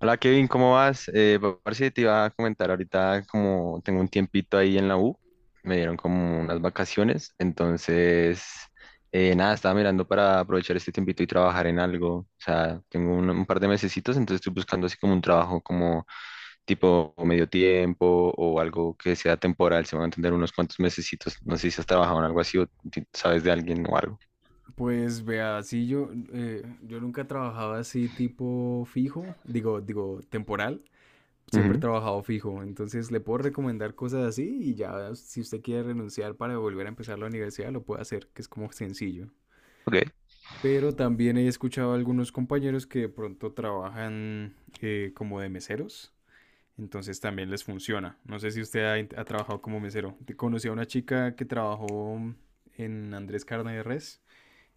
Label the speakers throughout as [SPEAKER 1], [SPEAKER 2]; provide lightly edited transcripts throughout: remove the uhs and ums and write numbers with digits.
[SPEAKER 1] Hola Kevin, ¿cómo vas? Parce, te iba a comentar ahorita como tengo un tiempito ahí en la U, me dieron como unas vacaciones, entonces nada, estaba mirando para aprovechar este tiempito y trabajar en algo, o sea, tengo un par de mesecitos, entonces estoy buscando así como un trabajo como tipo medio tiempo o algo que sea temporal, se van a entender unos cuantos mesecitos, no sé si has trabajado en algo así o sabes de alguien o algo.
[SPEAKER 2] Pues vea, sí, yo nunca he trabajado así tipo fijo, digo, temporal. Siempre he
[SPEAKER 1] Ujú.
[SPEAKER 2] trabajado fijo, entonces le puedo recomendar cosas así y ya si usted quiere renunciar para volver a empezar la universidad lo puede hacer, que es como sencillo.
[SPEAKER 1] Ok.
[SPEAKER 2] Pero también he escuchado a algunos compañeros que de pronto trabajan como de meseros, entonces también les funciona. No sé si usted ha trabajado como mesero. Conocí a una chica que trabajó en Andrés Carne de Res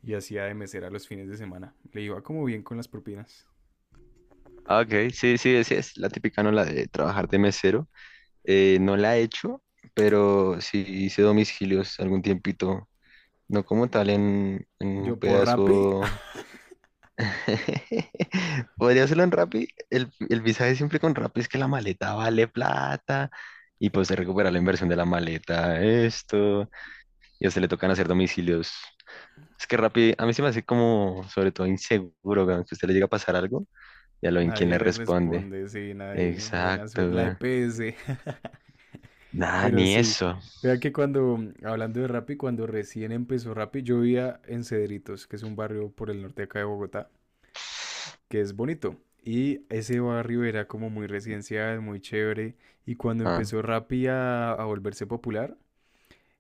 [SPEAKER 2] y hacía de mesera los fines de semana. Le iba como bien con las propinas.
[SPEAKER 1] Ah, ok, sí, sí, sí, es la típica, ¿no? La de trabajar de mesero. No la he hecho, pero sí hice domicilios algún tiempito. No como tal en un
[SPEAKER 2] Yo por Rappi,
[SPEAKER 1] pedazo. Podría hacerlo en Rappi. El visaje siempre con Rappi es que la maleta vale plata. Y pues se recupera la inversión de la maleta, esto. Y a usted le tocan hacer domicilios. Es que Rappi, a mí se me hace como, sobre todo, inseguro, weón, que a usted le llega a pasar algo y a lo en quién
[SPEAKER 2] nadie
[SPEAKER 1] le
[SPEAKER 2] le
[SPEAKER 1] responde.
[SPEAKER 2] responde, sí, nadie. Buena
[SPEAKER 1] Exacto,
[SPEAKER 2] suerte. La
[SPEAKER 1] weón.
[SPEAKER 2] EPS.
[SPEAKER 1] Nada,
[SPEAKER 2] Pero
[SPEAKER 1] ni
[SPEAKER 2] sí.
[SPEAKER 1] eso.
[SPEAKER 2] Vea que cuando, hablando de Rappi, cuando recién empezó Rappi, yo vivía en Cedritos, que es un barrio por el norte de acá de Bogotá, que es bonito. Y ese barrio era como muy residencial, muy chévere. Y cuando
[SPEAKER 1] Ah,
[SPEAKER 2] empezó Rappi a volverse popular,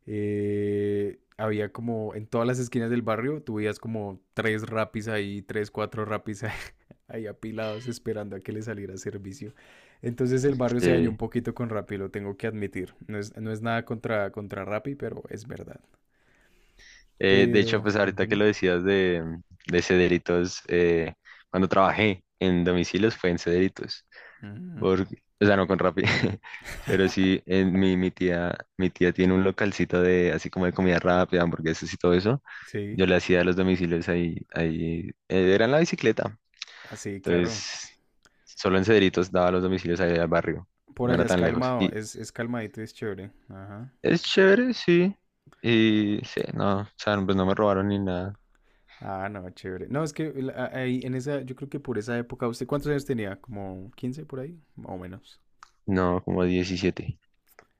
[SPEAKER 2] había como en todas las esquinas del barrio, tú veías como tres rapis ahí, tres, cuatro rapis ahí, ahí apilados esperando a que le saliera servicio. Entonces el barrio se dañó un
[SPEAKER 1] sí.
[SPEAKER 2] poquito con Rappi, lo tengo que admitir. No es nada contra Rappi, pero es verdad.
[SPEAKER 1] De hecho, pues ahorita que
[SPEAKER 2] Ujú,
[SPEAKER 1] lo decías de, Cederitos, cuando trabajé en domicilios fue en Cederitos,
[SPEAKER 2] ujú.
[SPEAKER 1] porque, o sea, no con Rappi, pero sí, en mi tía tiene un localcito de, así como de comida rápida, hamburguesas y todo eso,
[SPEAKER 2] Sí,
[SPEAKER 1] yo le hacía los domicilios ahí, era en la bicicleta,
[SPEAKER 2] así, claro.
[SPEAKER 1] entonces, solo en Cederitos daba los domicilios ahí al barrio,
[SPEAKER 2] Por
[SPEAKER 1] no era
[SPEAKER 2] allá es
[SPEAKER 1] tan lejos,
[SPEAKER 2] calmado,
[SPEAKER 1] y
[SPEAKER 2] es calmadito, es chévere. Ajá.
[SPEAKER 1] es chévere, sí, y sí, no, o sea, pues no me robaron ni nada,
[SPEAKER 2] Ah, no, chévere. No, es que ahí en esa, yo creo que por esa época, ¿usted cuántos años tenía? ¿Como 15 por ahí? Más o menos.
[SPEAKER 1] no, como 17.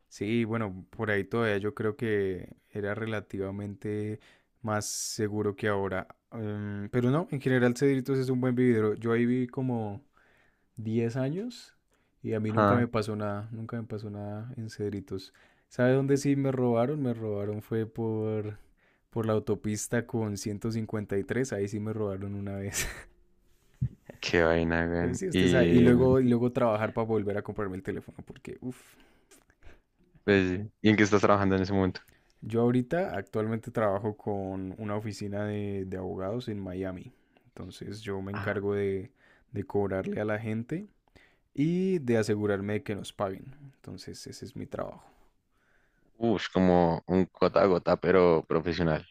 [SPEAKER 2] Sí, bueno, por ahí todavía yo creo que era relativamente más seguro que ahora. Pero no, en general Cedritos es un buen vividero. Yo ahí viví como 10 años y a mí nunca me
[SPEAKER 1] Ah,
[SPEAKER 2] pasó nada, nunca me pasó nada en Cedritos. ¿Sabe dónde sí me robaron? Me robaron fue por la autopista con 153, ahí sí me robaron una vez.
[SPEAKER 1] qué vaina,
[SPEAKER 2] Pero
[SPEAKER 1] güey.
[SPEAKER 2] sí, usted sabe. Y
[SPEAKER 1] Y,
[SPEAKER 2] luego, y luego trabajar para volver a comprarme el teléfono porque, uff.
[SPEAKER 1] pues, ¿y en qué estás trabajando en ese momento?
[SPEAKER 2] Yo ahorita actualmente trabajo con una oficina de abogados en Miami. Entonces yo me
[SPEAKER 1] Ah.
[SPEAKER 2] encargo de cobrarle a la gente y de asegurarme de que nos paguen. Entonces ese es mi trabajo.
[SPEAKER 1] Uf, como un gota a gota, pero profesional.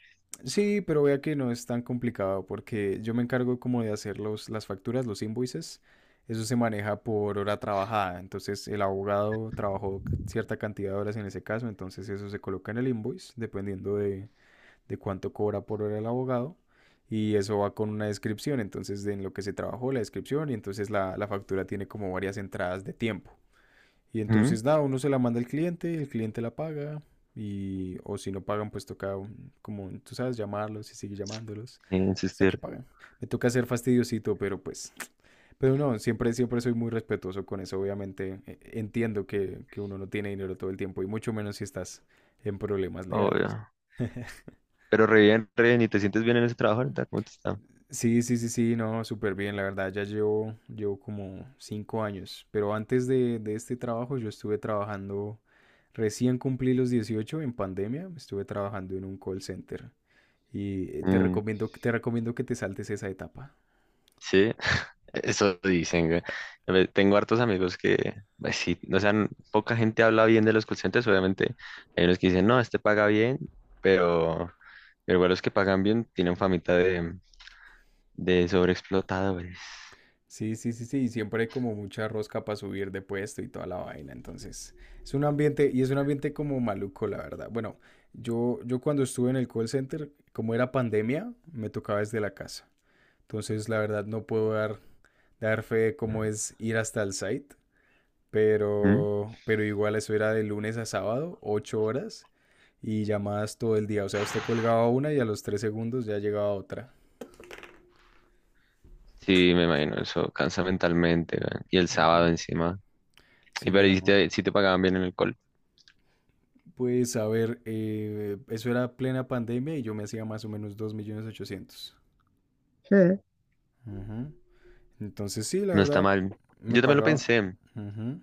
[SPEAKER 2] Sí, pero vea que no es tan complicado porque yo me encargo como de hacer las facturas, los invoices. Eso se maneja por hora trabajada. Entonces el abogado trabajó cierta cantidad de horas en ese caso. Entonces eso se coloca en el invoice dependiendo de cuánto cobra por hora el abogado y eso va con una descripción, entonces de en lo que se trabajó la descripción y entonces la factura tiene como varias entradas de tiempo. Y
[SPEAKER 1] Ujú.
[SPEAKER 2] entonces nada, uno se la manda al cliente, el cliente la paga y o si no pagan pues toca como tú sabes llamarlos y seguir llamándolos
[SPEAKER 1] Sin
[SPEAKER 2] hasta que
[SPEAKER 1] insistir,
[SPEAKER 2] paguen. Me toca ser fastidiosito, pero no, siempre soy muy respetuoso con eso, obviamente entiendo que uno no tiene dinero todo el tiempo y mucho menos si estás en problemas legales.
[SPEAKER 1] obvio. Pero re bien, ¿y te sientes bien en ese trabajo ahorita? ¿Cómo te está?
[SPEAKER 2] Sí, sí, sí, sí, no, súper bien, la verdad, ya llevo, llevo como 5 años, pero antes de este trabajo yo estuve trabajando, recién cumplí los 18 en pandemia, estuve trabajando en un call center y te
[SPEAKER 1] Mm,
[SPEAKER 2] recomiendo, te recomiendo que te saltes esa etapa.
[SPEAKER 1] sí, eso dicen, güey. A ver, tengo hartos amigos que, pues sí, o sea, poca gente habla bien de los call centers, obviamente. Hay unos que dicen, no, este paga bien, pero, pero igual los que pagan bien tienen famita de, sobreexplotadores.
[SPEAKER 2] Sí, sí, sí, sí, y siempre hay como mucha rosca para subir de puesto y toda la vaina, entonces es un ambiente, y es un ambiente como maluco, la verdad. Bueno, yo cuando estuve en el call center, como era pandemia, me tocaba desde la casa. Entonces, la verdad, no puedo dar fe de cómo es ir hasta el site, pero igual eso era de lunes a sábado, 8 horas y llamadas todo el día. O sea, usted colgaba una y a los 3 segundos ya llegaba otra.
[SPEAKER 1] Sí, me imagino, eso cansa mentalmente, weón. Y el
[SPEAKER 2] Ujú.
[SPEAKER 1] sábado encima. Y
[SPEAKER 2] Sí,
[SPEAKER 1] pero y si
[SPEAKER 2] no.
[SPEAKER 1] te, si te pagaban bien en el call,
[SPEAKER 2] Pues a ver, eso era plena pandemia y yo me hacía más o menos 2.800.000. Ujú. Entonces sí, la
[SPEAKER 1] no está
[SPEAKER 2] verdad,
[SPEAKER 1] mal.
[SPEAKER 2] me
[SPEAKER 1] Yo también lo
[SPEAKER 2] pagaba.
[SPEAKER 1] pensé.
[SPEAKER 2] Ujú,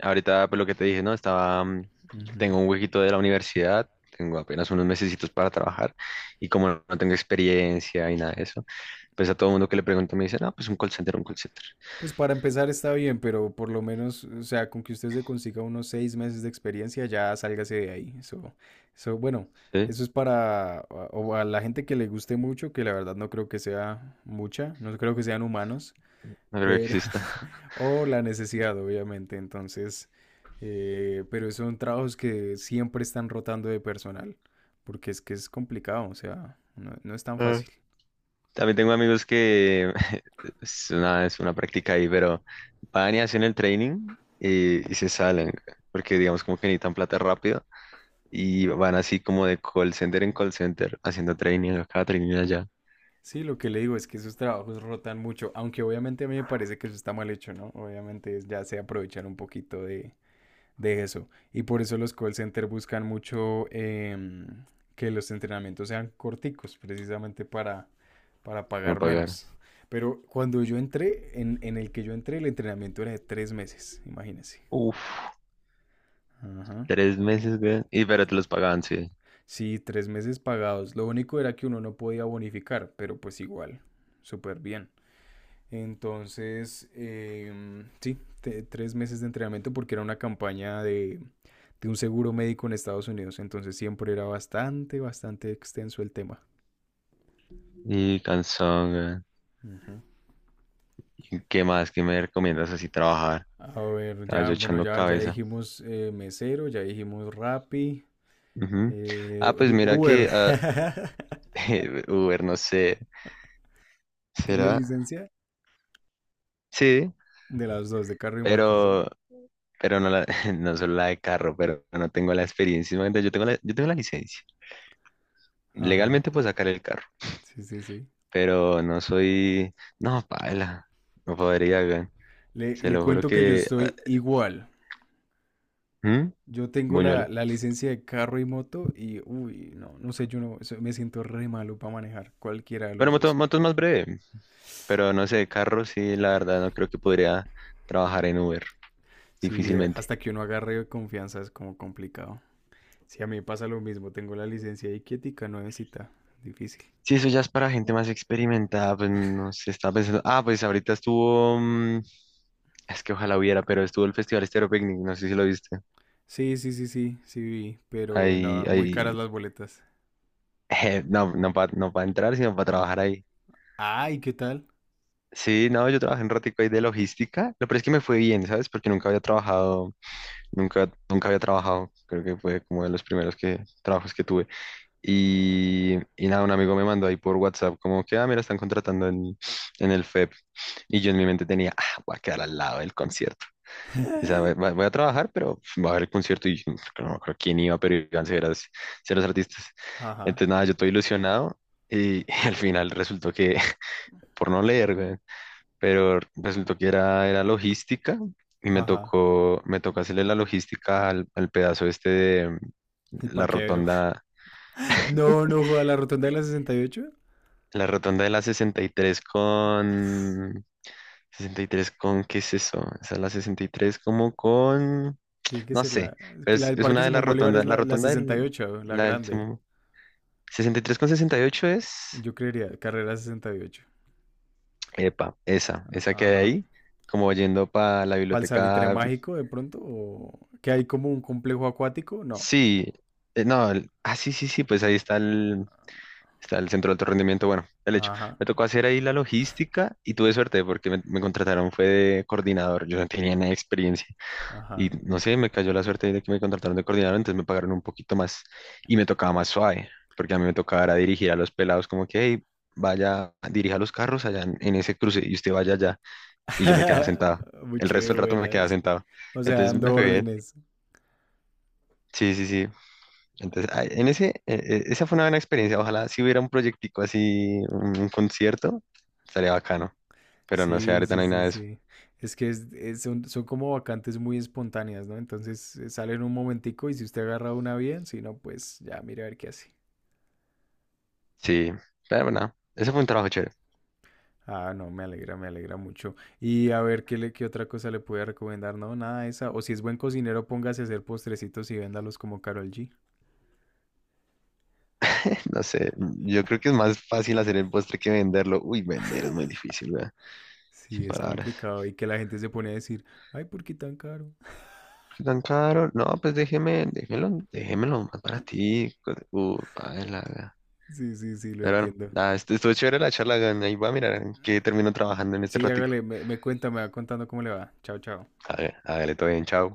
[SPEAKER 1] Ahorita, pues lo que te dije, ¿no?
[SPEAKER 2] ujú.
[SPEAKER 1] Tengo un huequito de la universidad, tengo apenas unos mesecitos para trabajar y como no tengo experiencia y nada de eso, pues a todo mundo que le pregunto me dice, no, pues un call center, un call center.
[SPEAKER 2] Pues para empezar está bien, pero por lo menos, o sea, con que usted se consiga unos 6 meses de experiencia, ya sálgase de ahí. Eso, bueno,
[SPEAKER 1] Sí,
[SPEAKER 2] eso es para o a la gente que le guste mucho, que la verdad no creo que sea mucha, no creo que sean humanos,
[SPEAKER 1] no creo que
[SPEAKER 2] pero,
[SPEAKER 1] exista.
[SPEAKER 2] o la necesidad, obviamente. Entonces, pero son trabajos que siempre están rotando de personal, porque es que es complicado, o sea, no es tan fácil.
[SPEAKER 1] También tengo amigos que es una, práctica ahí, pero van y hacen el training y se salen, porque digamos como que necesitan plata rápido y van así como de call center en call center haciendo training acá, training allá,
[SPEAKER 2] Sí, lo que le digo es que esos trabajos rotan mucho, aunque obviamente a mí me parece que eso está mal hecho, ¿no? Obviamente ya se aprovechar un poquito de eso. Y por eso los call centers buscan mucho que los entrenamientos sean corticos, precisamente para
[SPEAKER 1] para no
[SPEAKER 2] pagar
[SPEAKER 1] pagar.
[SPEAKER 2] menos. Pero cuando yo entré, en el que yo entré, el entrenamiento era de 3 meses, imagínense.
[SPEAKER 1] Uf,
[SPEAKER 2] Ajá.
[SPEAKER 1] 3 meses, güey. Y pero te los pagaban, sí.
[SPEAKER 2] Sí, 3 meses pagados. Lo único era que uno no podía bonificar, pero pues igual, súper bien. Entonces, sí, 3 meses de entrenamiento porque era una campaña de un seguro médico en Estados Unidos. Entonces siempre era bastante, bastante extenso el tema.
[SPEAKER 1] Y cansón, güey.
[SPEAKER 2] Ujú.
[SPEAKER 1] ¿Y qué más? ¿Qué me recomiendas así trabajar?
[SPEAKER 2] A ver,
[SPEAKER 1] Estaba
[SPEAKER 2] ya,
[SPEAKER 1] yo
[SPEAKER 2] bueno,
[SPEAKER 1] echando
[SPEAKER 2] ya, ya
[SPEAKER 1] cabeza.
[SPEAKER 2] dijimos mesero, ya dijimos Rappi,
[SPEAKER 1] Ujú. Ah, pues mira
[SPEAKER 2] Uber.
[SPEAKER 1] que Uber, no sé.
[SPEAKER 2] ¿Tiene
[SPEAKER 1] ¿Será?
[SPEAKER 2] licencia?
[SPEAKER 1] Sí,
[SPEAKER 2] De las dos, de carro y moto, sí.
[SPEAKER 1] pero pero no, no solo la de carro, pero no tengo la experiencia. Imagínate, yo tengo la licencia.
[SPEAKER 2] Ajá,
[SPEAKER 1] Legalmente puedo sacar el carro,
[SPEAKER 2] sí, sí, sí.
[SPEAKER 1] pero no soy... No, paila, no podría, weón.
[SPEAKER 2] Le,
[SPEAKER 1] Se
[SPEAKER 2] le
[SPEAKER 1] lo juro
[SPEAKER 2] cuento que yo
[SPEAKER 1] que...
[SPEAKER 2] estoy igual.
[SPEAKER 1] ¿Mm?
[SPEAKER 2] Yo tengo la,
[SPEAKER 1] Buñuelo.
[SPEAKER 2] la licencia de carro y moto y, uy, no, no sé, yo no, eso- me siento re malo para manejar cualquiera de los
[SPEAKER 1] Bueno, moto,
[SPEAKER 2] dos.
[SPEAKER 1] moto es más breve, pero no sé, carro sí, la verdad, no creo que podría trabajar en Uber,
[SPEAKER 2] Sí,
[SPEAKER 1] difícilmente.
[SPEAKER 2] hasta que uno agarre confianza es como complicado. Sí, a mí me pasa lo mismo, tengo la licencia ahí quietica, nuevecita, difícil.
[SPEAKER 1] Sí, eso ya es para gente más experimentada, pues no sé, estaba pensando... Ah, pues ahorita estuvo... es que ojalá hubiera, pero estuvo el Festival Estéreo Picnic, no sé si lo viste.
[SPEAKER 2] Sí, sí, sí, sí, sí vi, pero
[SPEAKER 1] Ahí,
[SPEAKER 2] no, muy caras
[SPEAKER 1] ahí,
[SPEAKER 2] las boletas.
[SPEAKER 1] no, no para no pa entrar, sino para trabajar ahí.
[SPEAKER 2] Ay, ¿qué tal?
[SPEAKER 1] Sí, no, yo trabajé un ratico ahí de logística. Lo peor es que me fue bien, ¿sabes? Porque nunca había trabajado, nunca había trabajado. Creo que fue como de los primeros trabajos que tuve. Y nada, un amigo me mandó ahí por WhatsApp, como que, ah, mira, están contratando en el FEP. Y yo en mi mente tenía, ah, voy a quedar al lado del concierto. O sea, voy, voy- voy a trabajar, pero va a haber el concierto y no me acuerdo quién iba, pero iban ceros, ceros artistas.
[SPEAKER 2] Ajá,
[SPEAKER 1] Entonces, nada, yo estoy ilusionado y al final resultó que, por no leer, güey, pero resultó que era logística y me
[SPEAKER 2] ajá,
[SPEAKER 1] tocó, me tocó hacerle la logística al pedazo este de
[SPEAKER 2] el
[SPEAKER 1] la
[SPEAKER 2] parqueadero.
[SPEAKER 1] rotonda,
[SPEAKER 2] No, no, joda, la rotonda de la 68.
[SPEAKER 1] la rotonda de la 63 con... 63 con, ¿qué es eso? Esa es la 63 como con...
[SPEAKER 2] Tiene que
[SPEAKER 1] No
[SPEAKER 2] ser
[SPEAKER 1] sé,
[SPEAKER 2] la,
[SPEAKER 1] pero
[SPEAKER 2] la
[SPEAKER 1] es,
[SPEAKER 2] del
[SPEAKER 1] es
[SPEAKER 2] Parque
[SPEAKER 1] una de las
[SPEAKER 2] Simón Bolívar es
[SPEAKER 1] rotondas. La
[SPEAKER 2] la
[SPEAKER 1] rotonda del,
[SPEAKER 2] 68, la
[SPEAKER 1] la del
[SPEAKER 2] grande.
[SPEAKER 1] Simón- 63,68 es,
[SPEAKER 2] Yo creería carrera 68.
[SPEAKER 1] epa, esa,
[SPEAKER 2] A-
[SPEAKER 1] esa que hay
[SPEAKER 2] Ajá.
[SPEAKER 1] ahí, como yendo para la
[SPEAKER 2] ¿Pal salitre
[SPEAKER 1] biblioteca.
[SPEAKER 2] mágico de pronto? ¿O que hay como un complejo acuático? No.
[SPEAKER 1] Sí, no, sí, sí, sí, pues ahí está está el centro de alto rendimiento. Bueno, el hecho,
[SPEAKER 2] Ajá,
[SPEAKER 1] me tocó hacer ahí la logística y tuve suerte porque me contrataron, fue de coordinador, yo no tenía ni experiencia. Y
[SPEAKER 2] ajá.
[SPEAKER 1] no sé, me cayó la suerte de que me contrataron de coordinador, entonces me pagaron un poquito más y me tocaba más suave, porque a mí me tocaba era dirigir a los pelados como que, hey, vaya, dirija los carros allá en, ese cruce y usted vaya allá. Y yo me quedaba sentado.
[SPEAKER 2] Muy
[SPEAKER 1] El resto
[SPEAKER 2] chévere,
[SPEAKER 1] del rato me quedaba
[SPEAKER 2] buenas.
[SPEAKER 1] sentado.
[SPEAKER 2] O sea,
[SPEAKER 1] Entonces me
[SPEAKER 2] dando
[SPEAKER 1] fue bien.
[SPEAKER 2] órdenes.
[SPEAKER 1] Sí, sí, sí. Entonces, ay, esa fue una buena experiencia. Ojalá si hubiera un proyectico así, un concierto, estaría bacano. Pero no sé,
[SPEAKER 2] Sí,
[SPEAKER 1] ahorita
[SPEAKER 2] sí,
[SPEAKER 1] no hay nada
[SPEAKER 2] sí,
[SPEAKER 1] de eso.
[SPEAKER 2] sí. Es que son como vacantes muy espontáneas, ¿no? Entonces sale en un momentico y si usted agarra una bien, si no, pues ya mire a ver qué hace.
[SPEAKER 1] Sí, pero bueno, ese fue un trabajo chévere.
[SPEAKER 2] Ah, no, me alegra mucho. Y a ver, ¿ qué otra cosa le puede recomendar? No, nada de esa. O si es buen cocinero, póngase a hacer postrecitos y véndalos como Karol G.
[SPEAKER 1] No sé, yo creo que es más fácil hacer el postre que venderlo. Uy, vender es muy difícil, ¿verdad? Sin
[SPEAKER 2] Sí, es
[SPEAKER 1] palabras.
[SPEAKER 2] complicado. Y que la gente se pone a decir, ay, ¿por qué tan caro?
[SPEAKER 1] ¿Por qué tan caro? No, pues déjemelo, déjemelo más para ti. Paila, ¿verdad?
[SPEAKER 2] Sí, sí, sí, lo
[SPEAKER 1] Pero bueno,
[SPEAKER 2] entiendo.
[SPEAKER 1] nada, estuvo chévere la charla, ¿verdad? Ahí va a mirar que termino trabajando en este
[SPEAKER 2] Sí,
[SPEAKER 1] ratico.
[SPEAKER 2] hágale, me cuenta, me va contando cómo le va. Chao, chao.
[SPEAKER 1] Hágale, hágale, todo bien, chao.